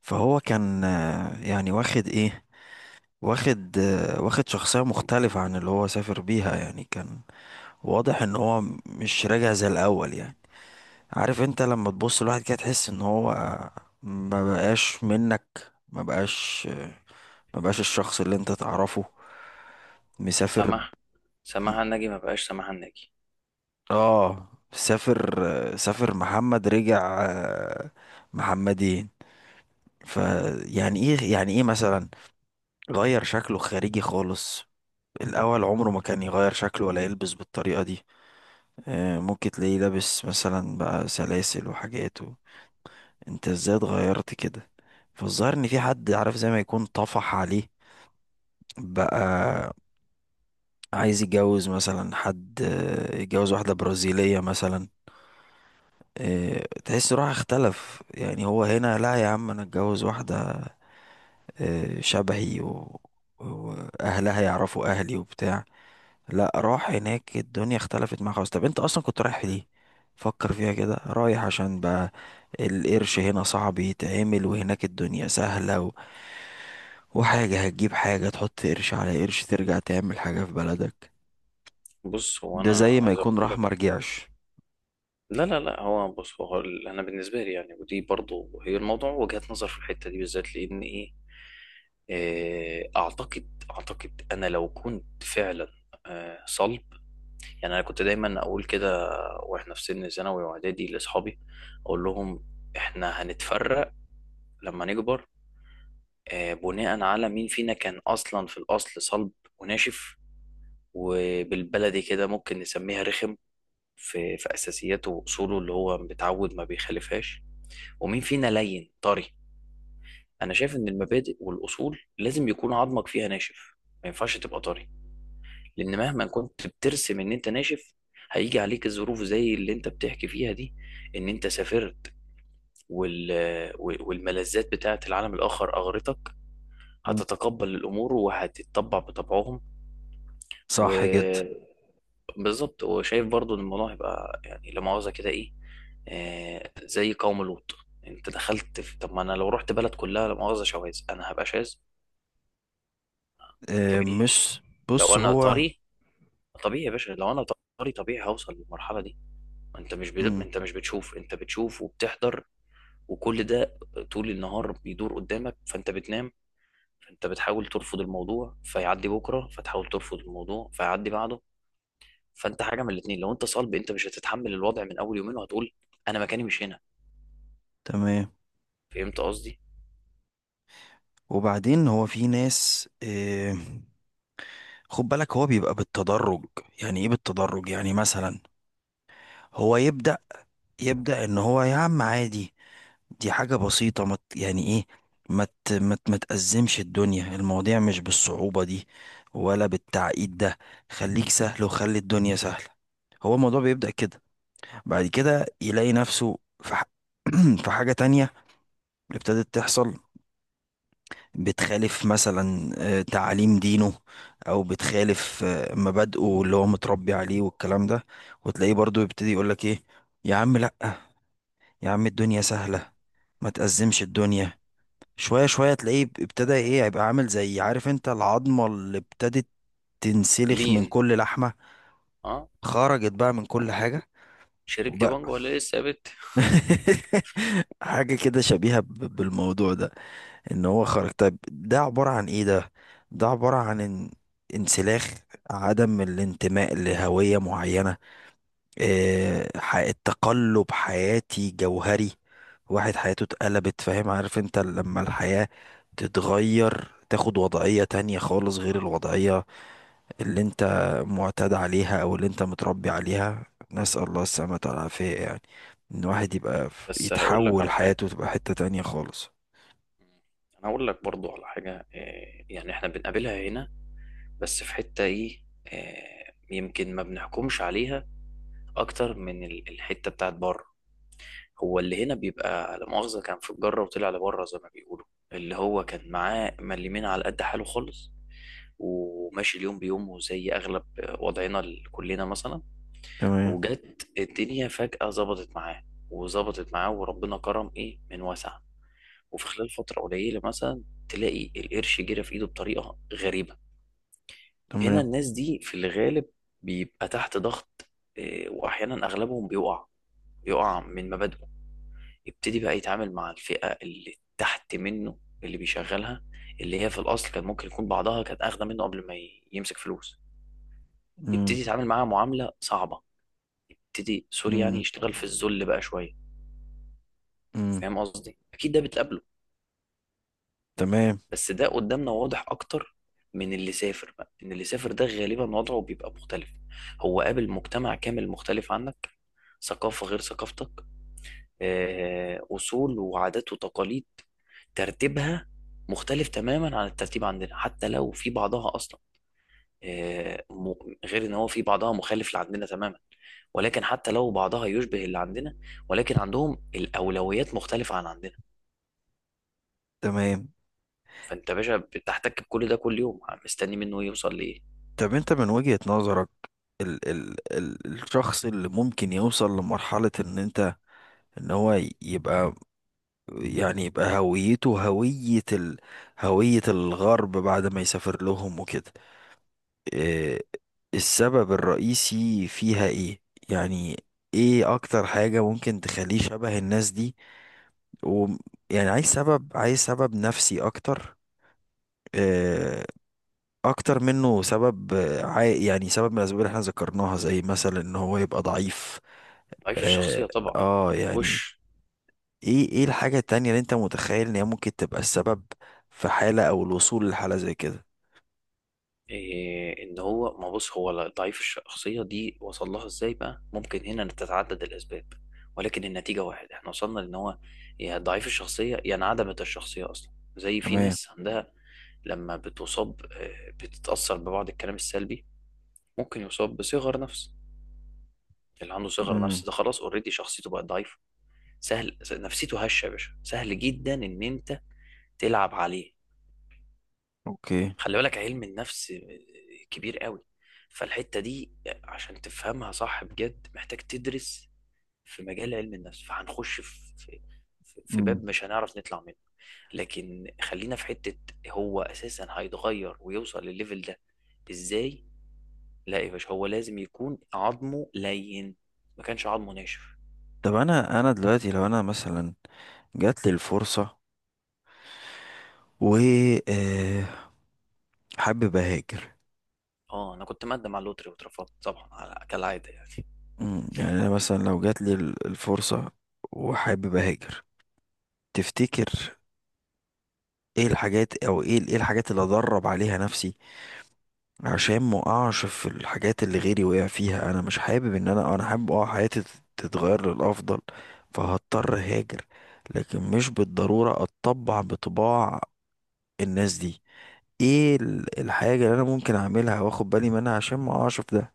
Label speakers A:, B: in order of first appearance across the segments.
A: فهو كان يعني واخد ايه. واخد شخصية مختلفة عن اللي هو سافر بيها، يعني كان واضح ان هو مش راجع زي الاول. يعني عارف انت لما تبص لواحد كده تحس ان هو، ما بقاش منك. ما بقاش الشخص اللي انت تعرفه. مسافر.
B: سماح
A: م-
B: سماح الناجي، ما بقاش سماح الناجي.
A: اه سافر. سافر محمد رجع محمدين. فيعني ايه؟ يعني ايه مثلا؟ غير شكله خارجي خالص. الأول عمره ما كان يغير شكله، ولا يلبس بالطريقة دي. ممكن تلاقيه لابس مثلا بقى سلاسل وحاجات انت ازاي اتغيرت كده؟ فالظاهر ان في حد، عارف، زي ما يكون طفح عليه بقى. عايز يتجوز مثلا حد، يتجوز واحدة برازيلية مثلا. تحس روح اختلف. يعني هو هنا لا يا عم، انا اتجوز واحدة شبهي واهلها يعرفوا اهلي وبتاع. لا، راح هناك الدنيا اختلفت معاه خالص. طب انت اصلا كنت رايح ليه؟ فكر فيها كده، رايح عشان بقى القرش هنا صعب يتعمل، وهناك الدنيا سهلة وحاجة هتجيب حاجة، تحط قرش على قرش، ترجع تعمل حاجة في بلدك.
B: بص، هو
A: ده
B: انا
A: زي ما
B: عايز
A: يكون
B: اقول
A: راح
B: لك.
A: مرجعش.
B: لا لا لا، هو بص، هو انا بالنسبه لي، يعني ودي برضو هي الموضوع وجهة نظر في الحته دي بالذات، لان ايه، اعتقد انا لو كنت فعلا صلب. يعني انا كنت دايما اقول كده، واحنا في سن ثانوي واعدادي لاصحابي، اقول لهم احنا هنتفرق لما نكبر، بناء على مين فينا كان اصلا في الاصل صلب وناشف، وبالبلدي كده ممكن نسميها رخم، في اساسياته واصوله اللي هو متعود ما بيخالفهاش، ومين فينا لين طري. انا شايف ان المبادئ والاصول لازم يكون عظمك فيها ناشف، ما ينفعش تبقى طري، لان مهما كنت بترسم ان انت ناشف، هيجي عليك الظروف زي اللي انت بتحكي فيها دي، ان انت سافرت وال... والملذات بتاعه العالم الاخر اغرتك،
A: مم.
B: هتتقبل الامور وهتتطبع بطبعهم.
A: صح جدا.
B: و... بالظبط. وشايف برضو ان الموضوع هيبقى يعني لا مؤاخذة كده ايه، زي قوم لوط. انت دخلت في. طب ما انا لو رحت بلد كلها لا مؤاخذة شواذ، انا هبقى شاذ
A: اه
B: طبيعي.
A: مش
B: لو
A: بص
B: انا
A: هو.
B: طري طبيعي يا باشا، لو انا طري طبيعي هوصل للمرحلة دي. ما انت مش بد... ما
A: مم.
B: انت مش بتشوف، انت بتشوف وبتحضر، وكل ده طول النهار بيدور قدامك، فانت بتنام، فانت بتحاول ترفض الموضوع فيعدي بكرة، فتحاول ترفض الموضوع فيعدي بعده. فانت حاجة من الاتنين، لو انت صلب انت مش هتتحمل الوضع من اول يومين، وهتقول انا مكاني مش هنا.
A: تمام.
B: فهمت قصدي؟
A: وبعدين هو في ناس، اه، خد بالك هو بيبقى بالتدرج. يعني ايه بالتدرج؟ يعني مثلا هو يبدأ. يبدأ ان هو، يا عم عادي، دي حاجة بسيطة، مت يعني ايه، ما مت متأزمش الدنيا. المواضيع مش بالصعوبة دي، ولا بالتعقيد ده. خليك سهل، وخلي الدنيا سهلة. هو الموضوع بيبدأ كده. بعد كده يلاقي نفسه في في حاجة تانية ابتدت تحصل. بتخالف مثلا تعاليم دينه، او بتخالف مبادئه اللي هو متربي عليه والكلام ده. وتلاقيه برضو يبتدي يقولك ايه، يا عم لأ، يا عم الدنيا سهلة، ما تأزمش الدنيا. شوية شوية تلاقيه ابتدى ايه، يبقى عامل زي، عارف انت، العظمة اللي ابتدت تنسلخ من
B: تلين.
A: كل لحمة.
B: اه.
A: خرجت بقى من كل حاجة.
B: شربت
A: وبقى
B: بانجو ولا لسه يا بت؟
A: حاجة كده شبيهة بالموضوع ده. ان هو خرج. طيب ده عبارة عن ايه ده؟ ده عبارة عن ان، انسلاخ، عدم الانتماء لهوية معينة. إيه؟ تقلب حياتي جوهري. واحد حياته اتقلبت. فاهم؟ عارف انت لما الحياة تتغير، تاخد وضعية تانية خالص، غير الوضعية اللي انت معتاد عليها، او اللي انت متربي عليها. نسأل الله السلامة والعافية يعني. ان الواحد يبقى
B: بس هقول لك
A: يتحول
B: على حاجة،
A: حياته تبقى حتة تانية خالص.
B: انا هقول لك برضو على حاجة، يعني احنا بنقابلها هنا، بس في حتة ايه، يمكن ما بنحكمش عليها اكتر من الحتة بتاعت بره. هو اللي هنا بيبقى لا مؤاخذة كان في الجرة وطلع لبره زي ما بيقولوا، اللي هو كان معاه مليمين على قد حاله خالص، وماشي اليوم بيومه زي اغلب وضعنا كلنا مثلا،
A: تمام.
B: وجت الدنيا فجأة ظبطت معاه، وظبطت معاه، وربنا كرم ايه من واسع، وفي خلال فترة قليلة مثلا تلاقي القرش جرى في ايده بطريقة غريبة. هنا
A: تمام.
B: الناس دي في الغالب بيبقى تحت ضغط، إيه، واحيانا اغلبهم بيقع، بيقع من مبادئه، يبتدي بقى يتعامل مع الفئة اللي تحت منه، اللي بيشغلها، اللي هي في الاصل كان ممكن يكون بعضها كانت اخده منه قبل ما يمسك فلوس،
A: مم.
B: يبتدي يتعامل معاها معاملة صعبة، يبتدي سوري، يعني
A: امم.
B: يشتغل في الذل بقى شوية.
A: امم.
B: فاهم قصدي؟ اكيد ده بتقابله،
A: تمام.
B: بس ده قدامنا واضح اكتر من اللي سافر بقى. ان اللي سافر ده غالبا وضعه بيبقى مختلف، هو قابل مجتمع كامل مختلف عنك، ثقافة غير ثقافتك، أصول وعادات وتقاليد ترتيبها مختلف تماما عن الترتيب عندنا، حتى لو في بعضها أصلا، آه، م- غير إن هو في بعضها مخالف لعندنا تماما، ولكن حتى لو بعضها يشبه اللي عندنا، ولكن عندهم الأولويات مختلفة عن عندنا.
A: تمام.
B: فانت يا باشا بتحتك بكل ده كل يوم مستني منه يوصل لايه؟
A: طب انت من وجهة نظرك، ال الشخص اللي ممكن يوصل لمرحلة ان انت، ان هو يبقى، يعني يبقى هويته هوية ال، هوية الغرب بعد ما يسافر لهم وكده. إيه السبب الرئيسي فيها؟ ايه يعني؟ ايه اكتر حاجة ممكن تخليه شبه الناس دي؟ و، يعني عايز سبب نفسي اكتر. آه، اكتر منه سبب، يعني سبب من الاسباب اللي احنا ذكرناها، زي مثلا ان هو يبقى ضعيف.
B: ضعيف
A: اه,
B: الشخصيه طبعا.
A: يعني،
B: وش.
A: ايه ايه الحاجة التانية اللي انت متخيل ان هي ممكن تبقى السبب في حالة، او الوصول لحالة زي كده؟
B: إيه ان هو ما بص، هو ضعيف الشخصيه دي وصل لها ازاي بقى؟ ممكن هنا تتعدد الاسباب، ولكن النتيجه واحد. احنا وصلنا لان هو يا ضعيف الشخصيه يا انعدمت الشخصيه اصلا. زي في
A: تمام.
B: ناس عندها لما بتصاب بتتاثر ببعض الكلام السلبي، ممكن يصاب بصغر نفس. اللي عنده صغر
A: امم.
B: نفس ده خلاص اوريدي شخصيته بقت ضعيفه. سهل نفسيته هشه يا باشا، سهل جدا ان انت تلعب عليه.
A: اوكي.
B: خلي بالك، علم النفس كبير قوي، فالحتة دي عشان تفهمها صح بجد محتاج تدرس في مجال علم النفس، فهنخش في في
A: امم.
B: باب مش هنعرف نطلع منه. لكن خلينا في حتة، هو أساسا هيتغير ويوصل للليفل ده إزاي؟ لا يا باشا، هو لازم يكون عظمه لين، ما كانش عظمه ناشف.
A: طب انا، دلوقتي لو انا مثلا جات لي الفرصة و، آه، حابب اهاجر.
B: اه، انا كنت مقدم على اللوتري واترفضت طبعا، كالعادة يعني.
A: مم، يعني انا مثلا لو جات لي الفرصة وحابب اهاجر، تفتكر ايه الحاجات، او ايه الحاجات اللي ادرب عليها نفسي عشان ما اقعش في الحاجات اللي غيري وقع فيها؟ انا مش حابب ان انا، حابب اه حياتي تتغير للافضل. فهضطر هاجر، لكن مش بالضرورة اتطبع بطباع الناس دي. ايه الحاجة اللي انا ممكن اعملها واخد بالي منها عشان ما اقعش في ده،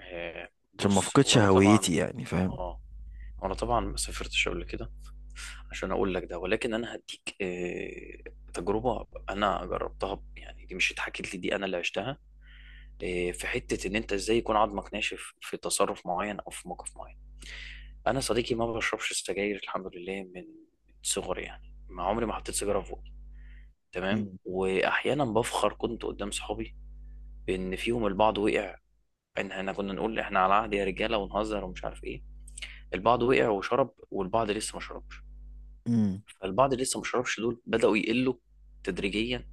A: عشان ما
B: بص، هو
A: افقدش
B: انا طبعا.
A: هويتي يعني؟ فاهم؟
B: اه. وانا طبعا ما سافرتش قبل كده عشان اقول لك ده، ولكن انا هديك تجربه انا جربتها يعني، دي مش اتحكت لي، دي انا اللي عشتها. في حته ان انت ازاي يكون عظمك ناشف في تصرف معين او في موقف معين. انا صديقي ما بشربش سجاير، الحمد لله، من صغري، يعني ما عمري ما حطيت سيجاره في بوقي. تمام.
A: مم.
B: واحيانا بفخر كنت قدام صحابي، بان فيهم البعض وقع، ان احنا كنا نقول احنا على عهد يا رجاله، ونهزر ومش عارف ايه. البعض وقع وشرب، والبعض لسه ما شربش،
A: امم.
B: فالبعض اللي لسه ما شربش دول بدأوا يقلوا تدريجيا.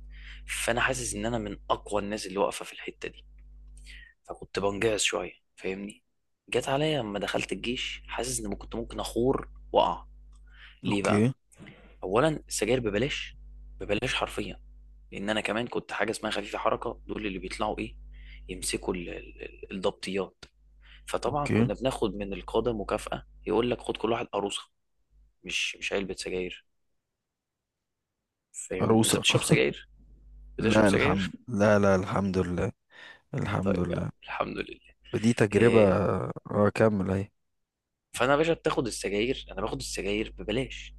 B: فانا حاسس ان انا من اقوى الناس اللي واقفه في الحته دي، فكنت بنجعص شويه، فاهمني؟ جت عليا لما دخلت الجيش، حاسس ان كنت ممكن اخور واقع. ليه بقى؟
A: اوكي.
B: اولا، السجاير ببلاش، ببلاش حرفيا، لان انا كمان كنت حاجه اسمها خفيفه حركه، دول اللي بيطلعوا ايه، يمسكوا الضبطيات. فطبعا
A: اوكي.
B: كنا بناخد من القاده مكافاه، يقول لك خد كل واحد قروصه، مش علبه سجاير. فاهمني؟ انت
A: عروسة.
B: بتشرب سجاير؟ بتشرب
A: لا
B: سجاير.
A: الحمد، لا الحمد لله. الحمد
B: طيب يا عم
A: لله.
B: الحمد لله.
A: ودي تجربة.
B: إيه؟
A: اه كمل اهي.
B: فانا يا باشا بتاخد السجاير، انا باخد السجاير ببلاش.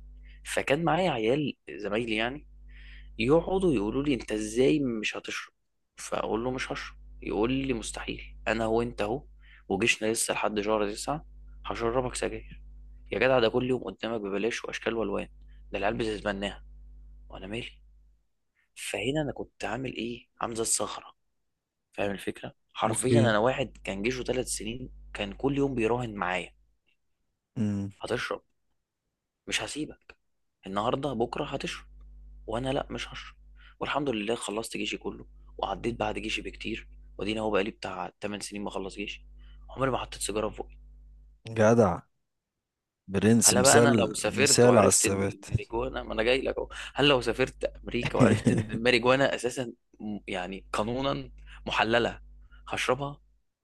B: فكان معايا عيال زمايلي يعني يقعدوا يقولوا لي انت ازاي مش هتشرب، فاقول له مش هشرب. يقول لي مستحيل، انا هو انت اهو، وجيشنا لسه لحد شهر تسعة، هشربك سجاير. يا جدع، ده كل يوم قدامك ببلاش واشكال والوان، ده العيال بتتمناها، وانا مالي؟ فهنا انا كنت عامل ايه؟ عامل زي الصخره. فاهم الفكره؟ حرفيا
A: اوكي.
B: انا واحد كان جيشه ثلاث سنين كان كل يوم بيراهن معايا،
A: امم.
B: هتشرب، مش هسيبك، النهارده بكره هتشرب، وانا لا مش هشرب. والحمد لله خلصت جيشي كله، وعديت بعد جيشي بكتير، وادينا هو بقالي بتاع 8 سنين بخلص جيشي، عمري ما حطيت سيجاره في بوقي.
A: جدع. برنس.
B: هلا بقى، انا لو
A: مثال.
B: سافرت
A: مثال على
B: وعرفت ان
A: الثبات.
B: الماريجوانا، ما انا جاي لك اهو، هل لو سافرت امريكا وعرفت ان الماريجوانا اساسا يعني قانونا محلله، هشربها؟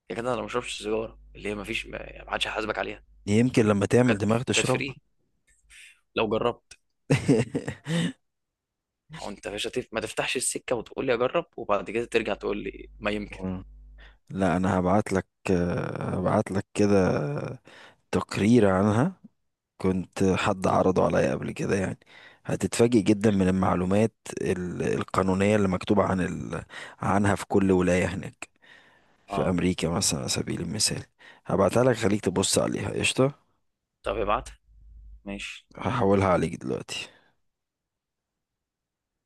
B: يا جدع انا ما بشربش سيجاره اللي هي ما فيش، ما حدش هيحاسبك عليها.
A: يمكن لما تعمل
B: وكانت
A: دماغ
B: وكانت
A: تشربها.
B: فري لو جربت. ما هو انت يا باشا ما تفتحش السكه وتقول لي اجرب، وبعد كده ترجع تقول لي ما يمكن.
A: مم. لا انا هبعت لك، هبعت لك كده تقرير عنها. كنت حد عرضه عليا قبل كده يعني. هتتفاجئ جدا من المعلومات القانونية اللي مكتوبة عن عنها في كل ولاية هناك، في
B: اه.
A: امريكا مثلا، على سبيل المثال. هبعتها لك، خليك تبص عليها قشطه.
B: طب ابعتها. ماشي.
A: هحولها عليك دلوقتي.